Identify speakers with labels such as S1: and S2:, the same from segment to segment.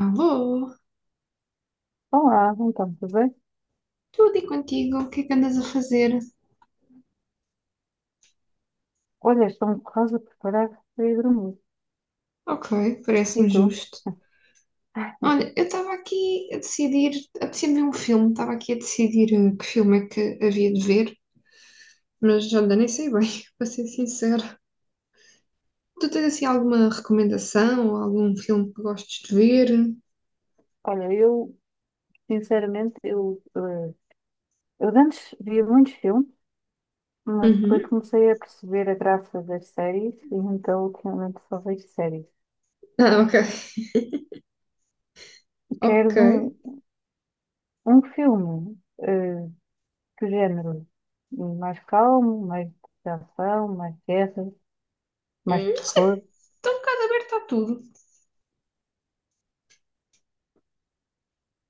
S1: Alô?
S2: Olá, então, tudo bem?
S1: Tudo, e contigo? O que é que andas a fazer?
S2: Olha, estou me quase a preparar para ir dormir.
S1: Ok,
S2: E
S1: parece-me
S2: tu?
S1: justo. Olha, eu estava aqui a decidir, apetecia-me ver um filme, estava aqui a decidir que filme é que havia de ver, mas olha, nem sei bem, para ser sincera. Tu tens assim alguma recomendação ou algum filme que gostes de ver?
S2: Olha, eu, sinceramente, eu de antes via muitos filmes, mas depois
S1: Uhum.
S2: comecei a perceber a graça das séries, e então ultimamente só vejo séries.
S1: Ah, ok, ok.
S2: Queres um filme, que género? Mais calmo, mais de ação, mais guerra, mais
S1: Não sei,
S2: terror?
S1: estou um bocado aberta a tudo.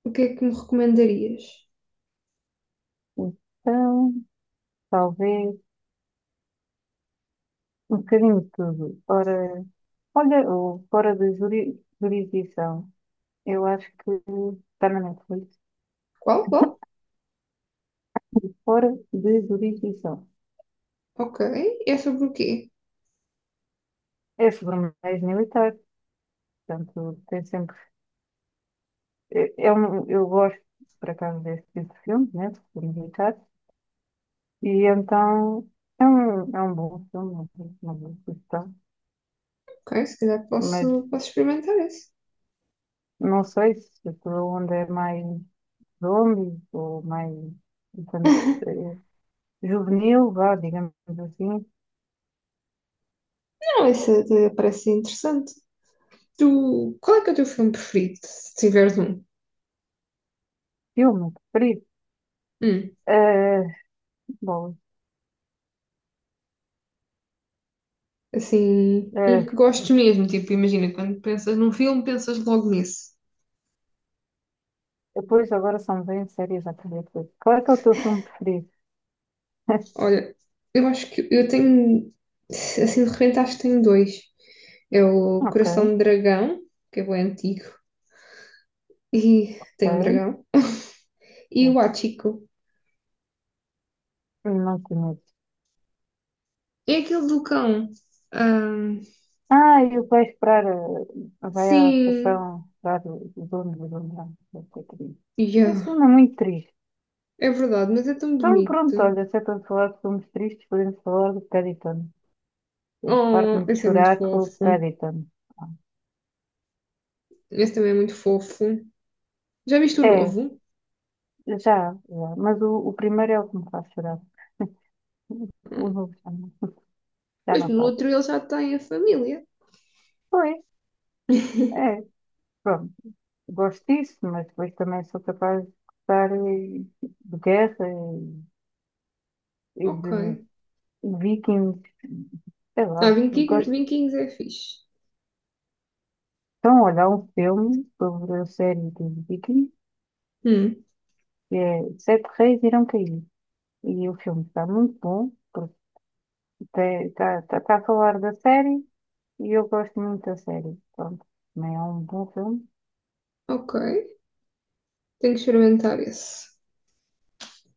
S1: O que é que me recomendarias?
S2: Então, talvez. Um bocadinho de tudo. Ora, olha, o Fora da Jurisdição. Eu acho que está na Netflix.
S1: Qual? Qual?
S2: Fora de Jurisdição.
S1: Ok, é sobre o quê?
S2: É sobre um ex militar. Portanto, tem sempre. É um, eu gosto, por acaso, desse tipo de filmes, né? De filmes militares. E então, é um bom filme, uma boa questão.
S1: Ok, se calhar
S2: Mas
S1: posso experimentar esse.
S2: não sei se aquilo onde é mais zombies ou mais. Portanto, eh, juvenil, vá, digamos assim.
S1: Não, esse até parece interessante. Tu, qual é que é o teu filme preferido, se tiveres um?
S2: Filme preferido?
S1: Hum,
S2: Eh, bom,
S1: assim, um
S2: eh,
S1: que gostes mesmo. Tipo, imagina, quando pensas num filme, pensas logo nesse.
S2: depois agora são bem sérias a primeira. Qual é que é o teu filme preferido?
S1: Olha, eu acho que eu tenho, assim, de repente acho que tenho dois. É o
S2: Ok,
S1: Coração de Dragão, que é bem antigo, e tem um
S2: ok.
S1: dragão. E o Hachiko.
S2: Não conheço.
S1: É aquele do cão. Ahm,
S2: Ah, e vai esperar, vai à
S1: sim,
S2: estação lá do dono. Esse
S1: yeah.
S2: filme é muito triste.
S1: É verdade, mas é tão
S2: Então pronto,
S1: bonito.
S2: olha, se é para falar de filmes tristes, podemos falar do Paddington. Eu
S1: Oh,
S2: parto-me de
S1: esse é muito
S2: chorar com o
S1: fofo.
S2: Paddington.
S1: Esse também é muito fofo. Já viste o
S2: É,
S1: novo?
S2: já, já. Mas o primeiro é o que me faz chorar.
S1: Ah,
S2: O novo já não. Já
S1: mas
S2: não
S1: no
S2: faço.
S1: outro ele já tem a família.
S2: Pois, é, pronto. Gosto disso, mas depois também sou capaz de gostar de guerra e
S1: Ok.
S2: de vikings. Sei
S1: Ah,
S2: lá, gosto.
S1: Vinquinhos é fixe.
S2: Então, olha, há um filme sobre a série de vikings
S1: Hum,
S2: que é Sete Reis Irão Cair. E o filme está muito bom, porque está a falar da série e eu gosto muito da série. Pronto, também é um bom filme.
S1: ok. Tenho que experimentar esse.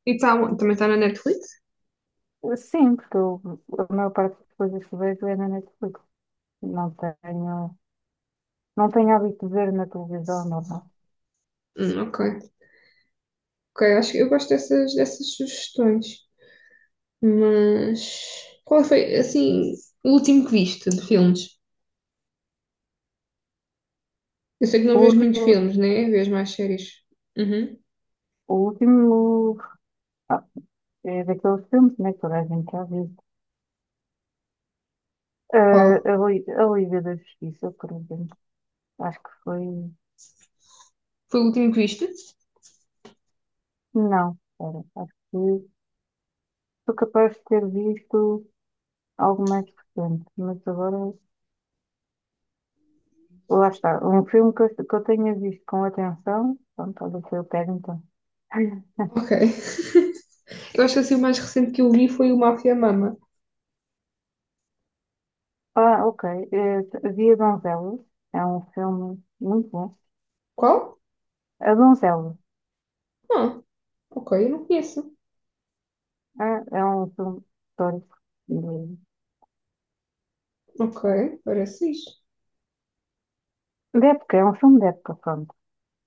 S1: E tá, onde? Também está na Netflix?
S2: Sim, porque a maior parte das coisas que vejo é na Netflix. Não tenho. Não tenho hábito de ver na televisão, normal.
S1: Ok. Ok, acho que eu gosto dessas, dessas sugestões. Mas qual foi, assim, o último que viste de filmes? Eu sei que não
S2: O
S1: vês muitos
S2: último,
S1: filmes, né? Vês mais séries. Uhum.
S2: o último ah, é daqueles filmes, né, que toda a gente já viu. Ah,
S1: Qual?
S2: a Liga da Justiça, por exemplo. Acho que foi.
S1: Foi o último que viste?
S2: Não, espera, acho que sou capaz de ter visto algo mais recente, mas agora. Lá está. Um filme que eu tenha visto com atenção. Pronto, olha o que eu pego então.
S1: Ok. Eu acho que assim o mais recente que eu vi foi o Mafia Mama.
S2: Ah, ok. Eh, Via Donzelas. É um filme muito bom.
S1: Qual?
S2: A Donzela.
S1: Ah, ok, eu não conheço.
S2: É um filme histórico de,
S1: Ok, parece fixe.
S2: de época, é um filme de época, pronto.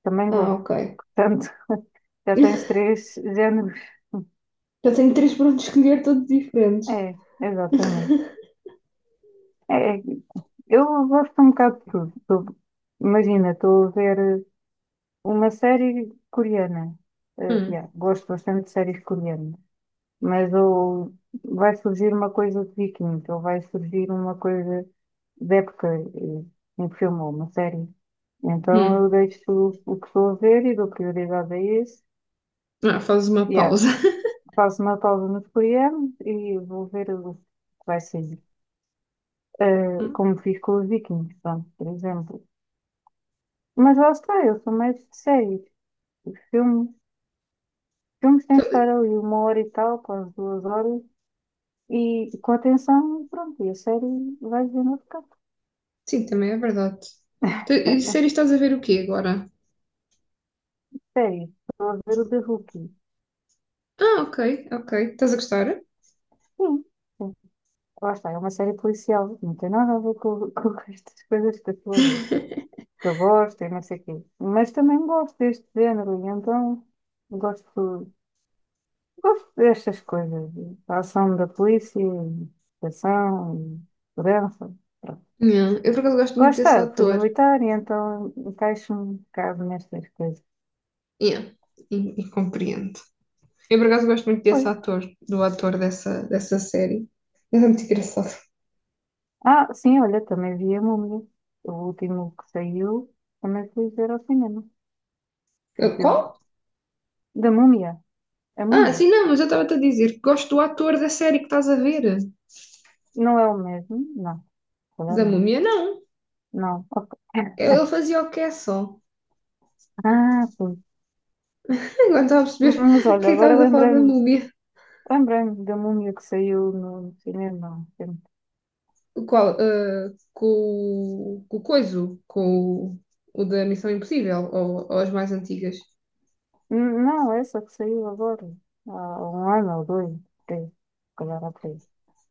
S2: Também
S1: Ah,
S2: gosto.
S1: ok.
S2: Portanto, já tens três géneros.
S1: Já tenho três para onde escolher, todos diferentes.
S2: É, exatamente. É, eu gosto um bocado de tudo. Tu- imagina, estou a ver uma série coreana. Eh,
S1: Hum,
S2: yeah, gosto bastante de séries coreanas. Mas ou vai surgir uma coisa de Vikings, ou vai surgir uma coisa de época, um filme ou uma série. Então
S1: hum.
S2: eu deixo o que estou a ver e dou prioridade a esse.
S1: Ah, fazes uma
S2: Yeah.
S1: pausa.
S2: Faço uma pausa nos coreanos e vou ver o que vai sair. Eh,
S1: Hum.
S2: como fiz com os Vikings, pronto, por exemplo. Mas lá está, eu sou mais de séries. Filme, filmes têm de
S1: Então,
S2: estar ali uma hora e tal, quase 2 horas, e com atenção, pronto, e a série vai ver no outro canto.
S1: sim, também é verdade. E séries estás a ver o quê agora?
S2: Sério, estou a ver o The Rookie.
S1: Ah, ok, ok. Estás a gostar?
S2: Sim, sim. Lá está, é uma série policial. Não tem nada a ver com, com estas coisas que eu estou a ver. Que eu gosto e não sei o quê. Mas também gosto deste género, e então gosto, gosto destas coisas. A ação da polícia, a ação, e segurança. Pronto.
S1: Yeah. Eu por acaso gosto
S2: Lá
S1: muito desse
S2: fui
S1: ator.
S2: militar e então encaixo-me um bocado nestas coisas.
S1: Yeah, e compreendo. Eu, por acaso, gosto muito
S2: Pois.
S1: desse ator, do ator dessa, dessa série. Ele é muito engraçado.
S2: Ah, sim, olha, também vi a Múmia. O último que saiu, também fui ver ao cinema. O filme.
S1: Qual?
S2: Da múmia? A
S1: Ah,
S2: múmia?
S1: sim, não, mas eu estava-te a dizer que gosto do ator da série que estás a ver.
S2: Não é o mesmo? Não, se calhar
S1: Da
S2: não.
S1: múmia, não.
S2: Não, ok.
S1: Ele fazia o quê só.
S2: Ah, pois.
S1: Agora estava a perceber
S2: Mas
S1: o que é que
S2: olha, agora
S1: estavas a falar da
S2: lembrei-me,
S1: múmia.
S2: lembrei-me da múmia que saiu no cinema há um tempo.
S1: O qual? Ah, com, com o coiso, com o da Missão Impossível, ou as mais antigas.
S2: Não, essa que saiu agora. Há um ano ou dois, três, se calhar há três.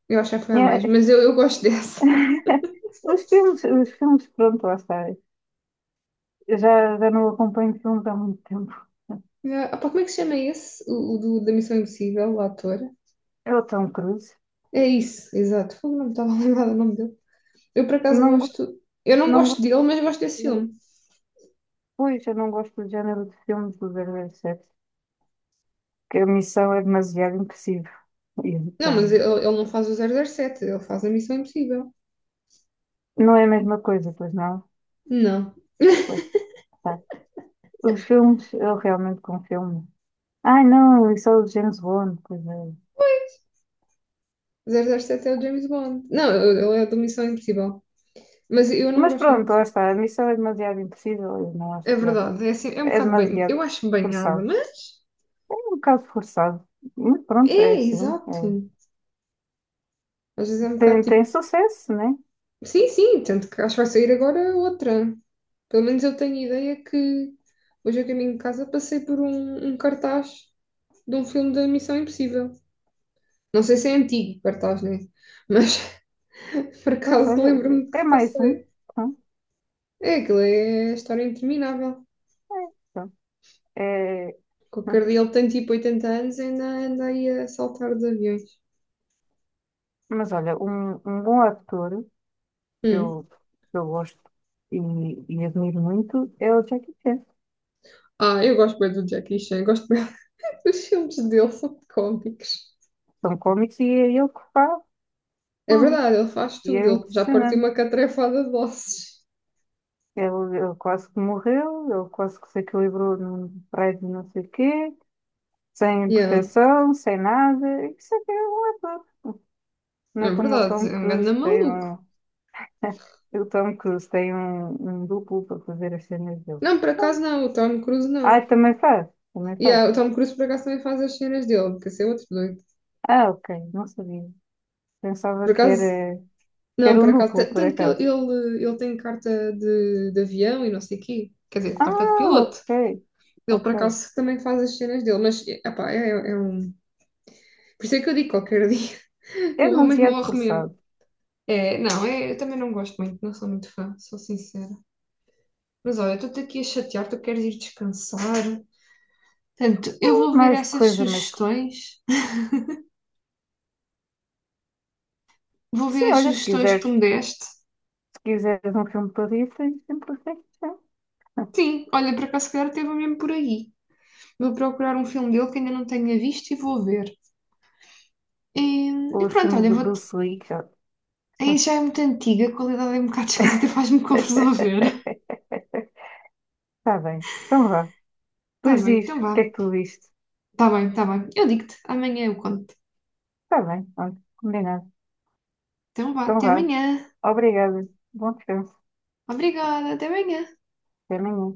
S1: Eu acho que já foi a mais,
S2: É.
S1: mas eu gosto dessa.
S2: Os filmes, pronto, lá está. Eu já, já não acompanho filmes há muito tempo.
S1: Ah, pá, como é que se chama esse? O, da Missão Impossível, o ator?
S2: É o Tom Cruise.
S1: É isso, exato. Fogo, não me estava a lembrar do nome dele. Eu, por acaso,
S2: Não,
S1: gosto. Eu não
S2: não
S1: gosto
S2: gosto,
S1: dele, mas gosto desse filme.
S2: pois, eu não gosto do género de filmes do 007 que a missão é demasiado impossível. E
S1: Não, mas
S2: então,
S1: ele não faz o 007, ele faz a Missão Impossível.
S2: não é a mesma coisa, pois não?
S1: Não.
S2: Pois, tá. Os filmes, eu realmente confio confirmo. Ai, não, isso é o James Bond, pois é.
S1: 007 é o James Bond. Não, ele é do Missão Impossível. Mas eu não
S2: Mas
S1: gosto
S2: pronto,
S1: muito.
S2: lá está. A missão é demasiado impossível e não acho
S1: É
S2: piada.
S1: verdade, é assim, é um
S2: É
S1: bocado bem.
S2: demasiado
S1: Eu acho banhada,
S2: forçado.
S1: mas.
S2: É um bocado forçado. Mas pronto, é
S1: É,
S2: assim.
S1: exato.
S2: É.
S1: Às vezes é um bocado
S2: Tem
S1: tipo.
S2: sucesso, né?
S1: Sim, sim, tanto que acho que vai sair agora outra. Pelo menos eu tenho ideia que hoje a caminho de casa passei por um, um cartaz de um filme da Missão Impossível. Não sei se é antigo, Bartás, né? Mas por
S2: Pois
S1: acaso
S2: olha,
S1: lembro-me
S2: é
S1: que
S2: mais um.
S1: passei.
S2: Hum.
S1: É, aquilo é a história interminável.
S2: É, pronto. É,
S1: Qualquer o Cardiel tem tipo 80 anos e ainda anda aí a saltar de aviões.
S2: mas olha, um bom ator que
S1: Hum.
S2: eu, que eu gosto e, e admiro muito é o Jackie Chan.
S1: Ah, eu gosto bem do Jackie Chan, gosto bem dos filmes dele, são cómicos.
S2: São cómics e é ele que faz
S1: É
S2: tudo.
S1: verdade, ele faz
S2: E
S1: tudo,
S2: é
S1: ele já partiu
S2: impressionante.
S1: uma catrefada de ossos.
S2: Ele quase que morreu, ele quase que se equilibrou num prédio não sei o quê, sem
S1: Yeah,
S2: proteção, sem nada. Isso é que é um ator. Não é
S1: é
S2: como o
S1: verdade,
S2: Tom
S1: é um ganda
S2: Cruise que tem
S1: maluco.
S2: um. O Tom Cruise tem um duplo para fazer as cenas dele.
S1: Não, por acaso não, o Tom Cruise
S2: Ah,
S1: não.
S2: também faz, também faz.
S1: Yeah, o Tom Cruise por acaso também faz as cenas dele, porque esse é outro doido.
S2: Ah, ok, não sabia. Pensava
S1: Por
S2: que
S1: acaso,
S2: era,
S1: não, por
S2: um
S1: acaso,
S2: duplo, por
S1: tanto que ele,
S2: acaso.
S1: ele, ele tem carta de avião e não sei o quê, quer dizer, carta de
S2: Ah,
S1: piloto.
S2: ok.
S1: Ele, por
S2: Ok.
S1: acaso, também faz as cenas dele, mas, epá, é, é um... Por isso é que eu digo qualquer dia, o
S2: É
S1: homem
S2: demasiado
S1: morre mesmo.
S2: forçado.
S1: É, não, é, eu também não gosto muito, não sou muito fã, sou sincera. Mas olha, eu estou-te aqui a chatear, tu queres ir descansar. Portanto, eu
S2: É
S1: vou ver
S2: mais
S1: essas
S2: coisa, mas.
S1: sugestões, vou ver
S2: Sim,
S1: as
S2: olha, se
S1: sugestões que
S2: quiseres,
S1: tu me
S2: se
S1: deste.
S2: quiseres um filme para rir, tens sempre feito.
S1: Sim, olha, por acaso, se calhar teve mesmo por aí. Vou procurar um filme dele que ainda não tenha visto e vou ver. E,
S2: Ou
S1: e
S2: os
S1: pronto,
S2: filmes
S1: olha,
S2: do
S1: vou te...
S2: Bruce Lee, já.
S1: aí já é muito antiga, a qualidade é um bocado esquisita, faz-me confusão ver.
S2: Está bem. Então vá.
S1: Tá
S2: Depois
S1: bem,
S2: diz o
S1: então
S2: que é
S1: vá.
S2: que tu viste.
S1: Tá bem, tá bem. Eu digo-te, amanhã eu conto.
S2: Está bem, pronto. Combinado.
S1: Então vá,
S2: Então
S1: até
S2: vá.
S1: amanhã.
S2: Obrigada. Bom descanso.
S1: Obrigada, até amanhã.
S2: Até amanhã.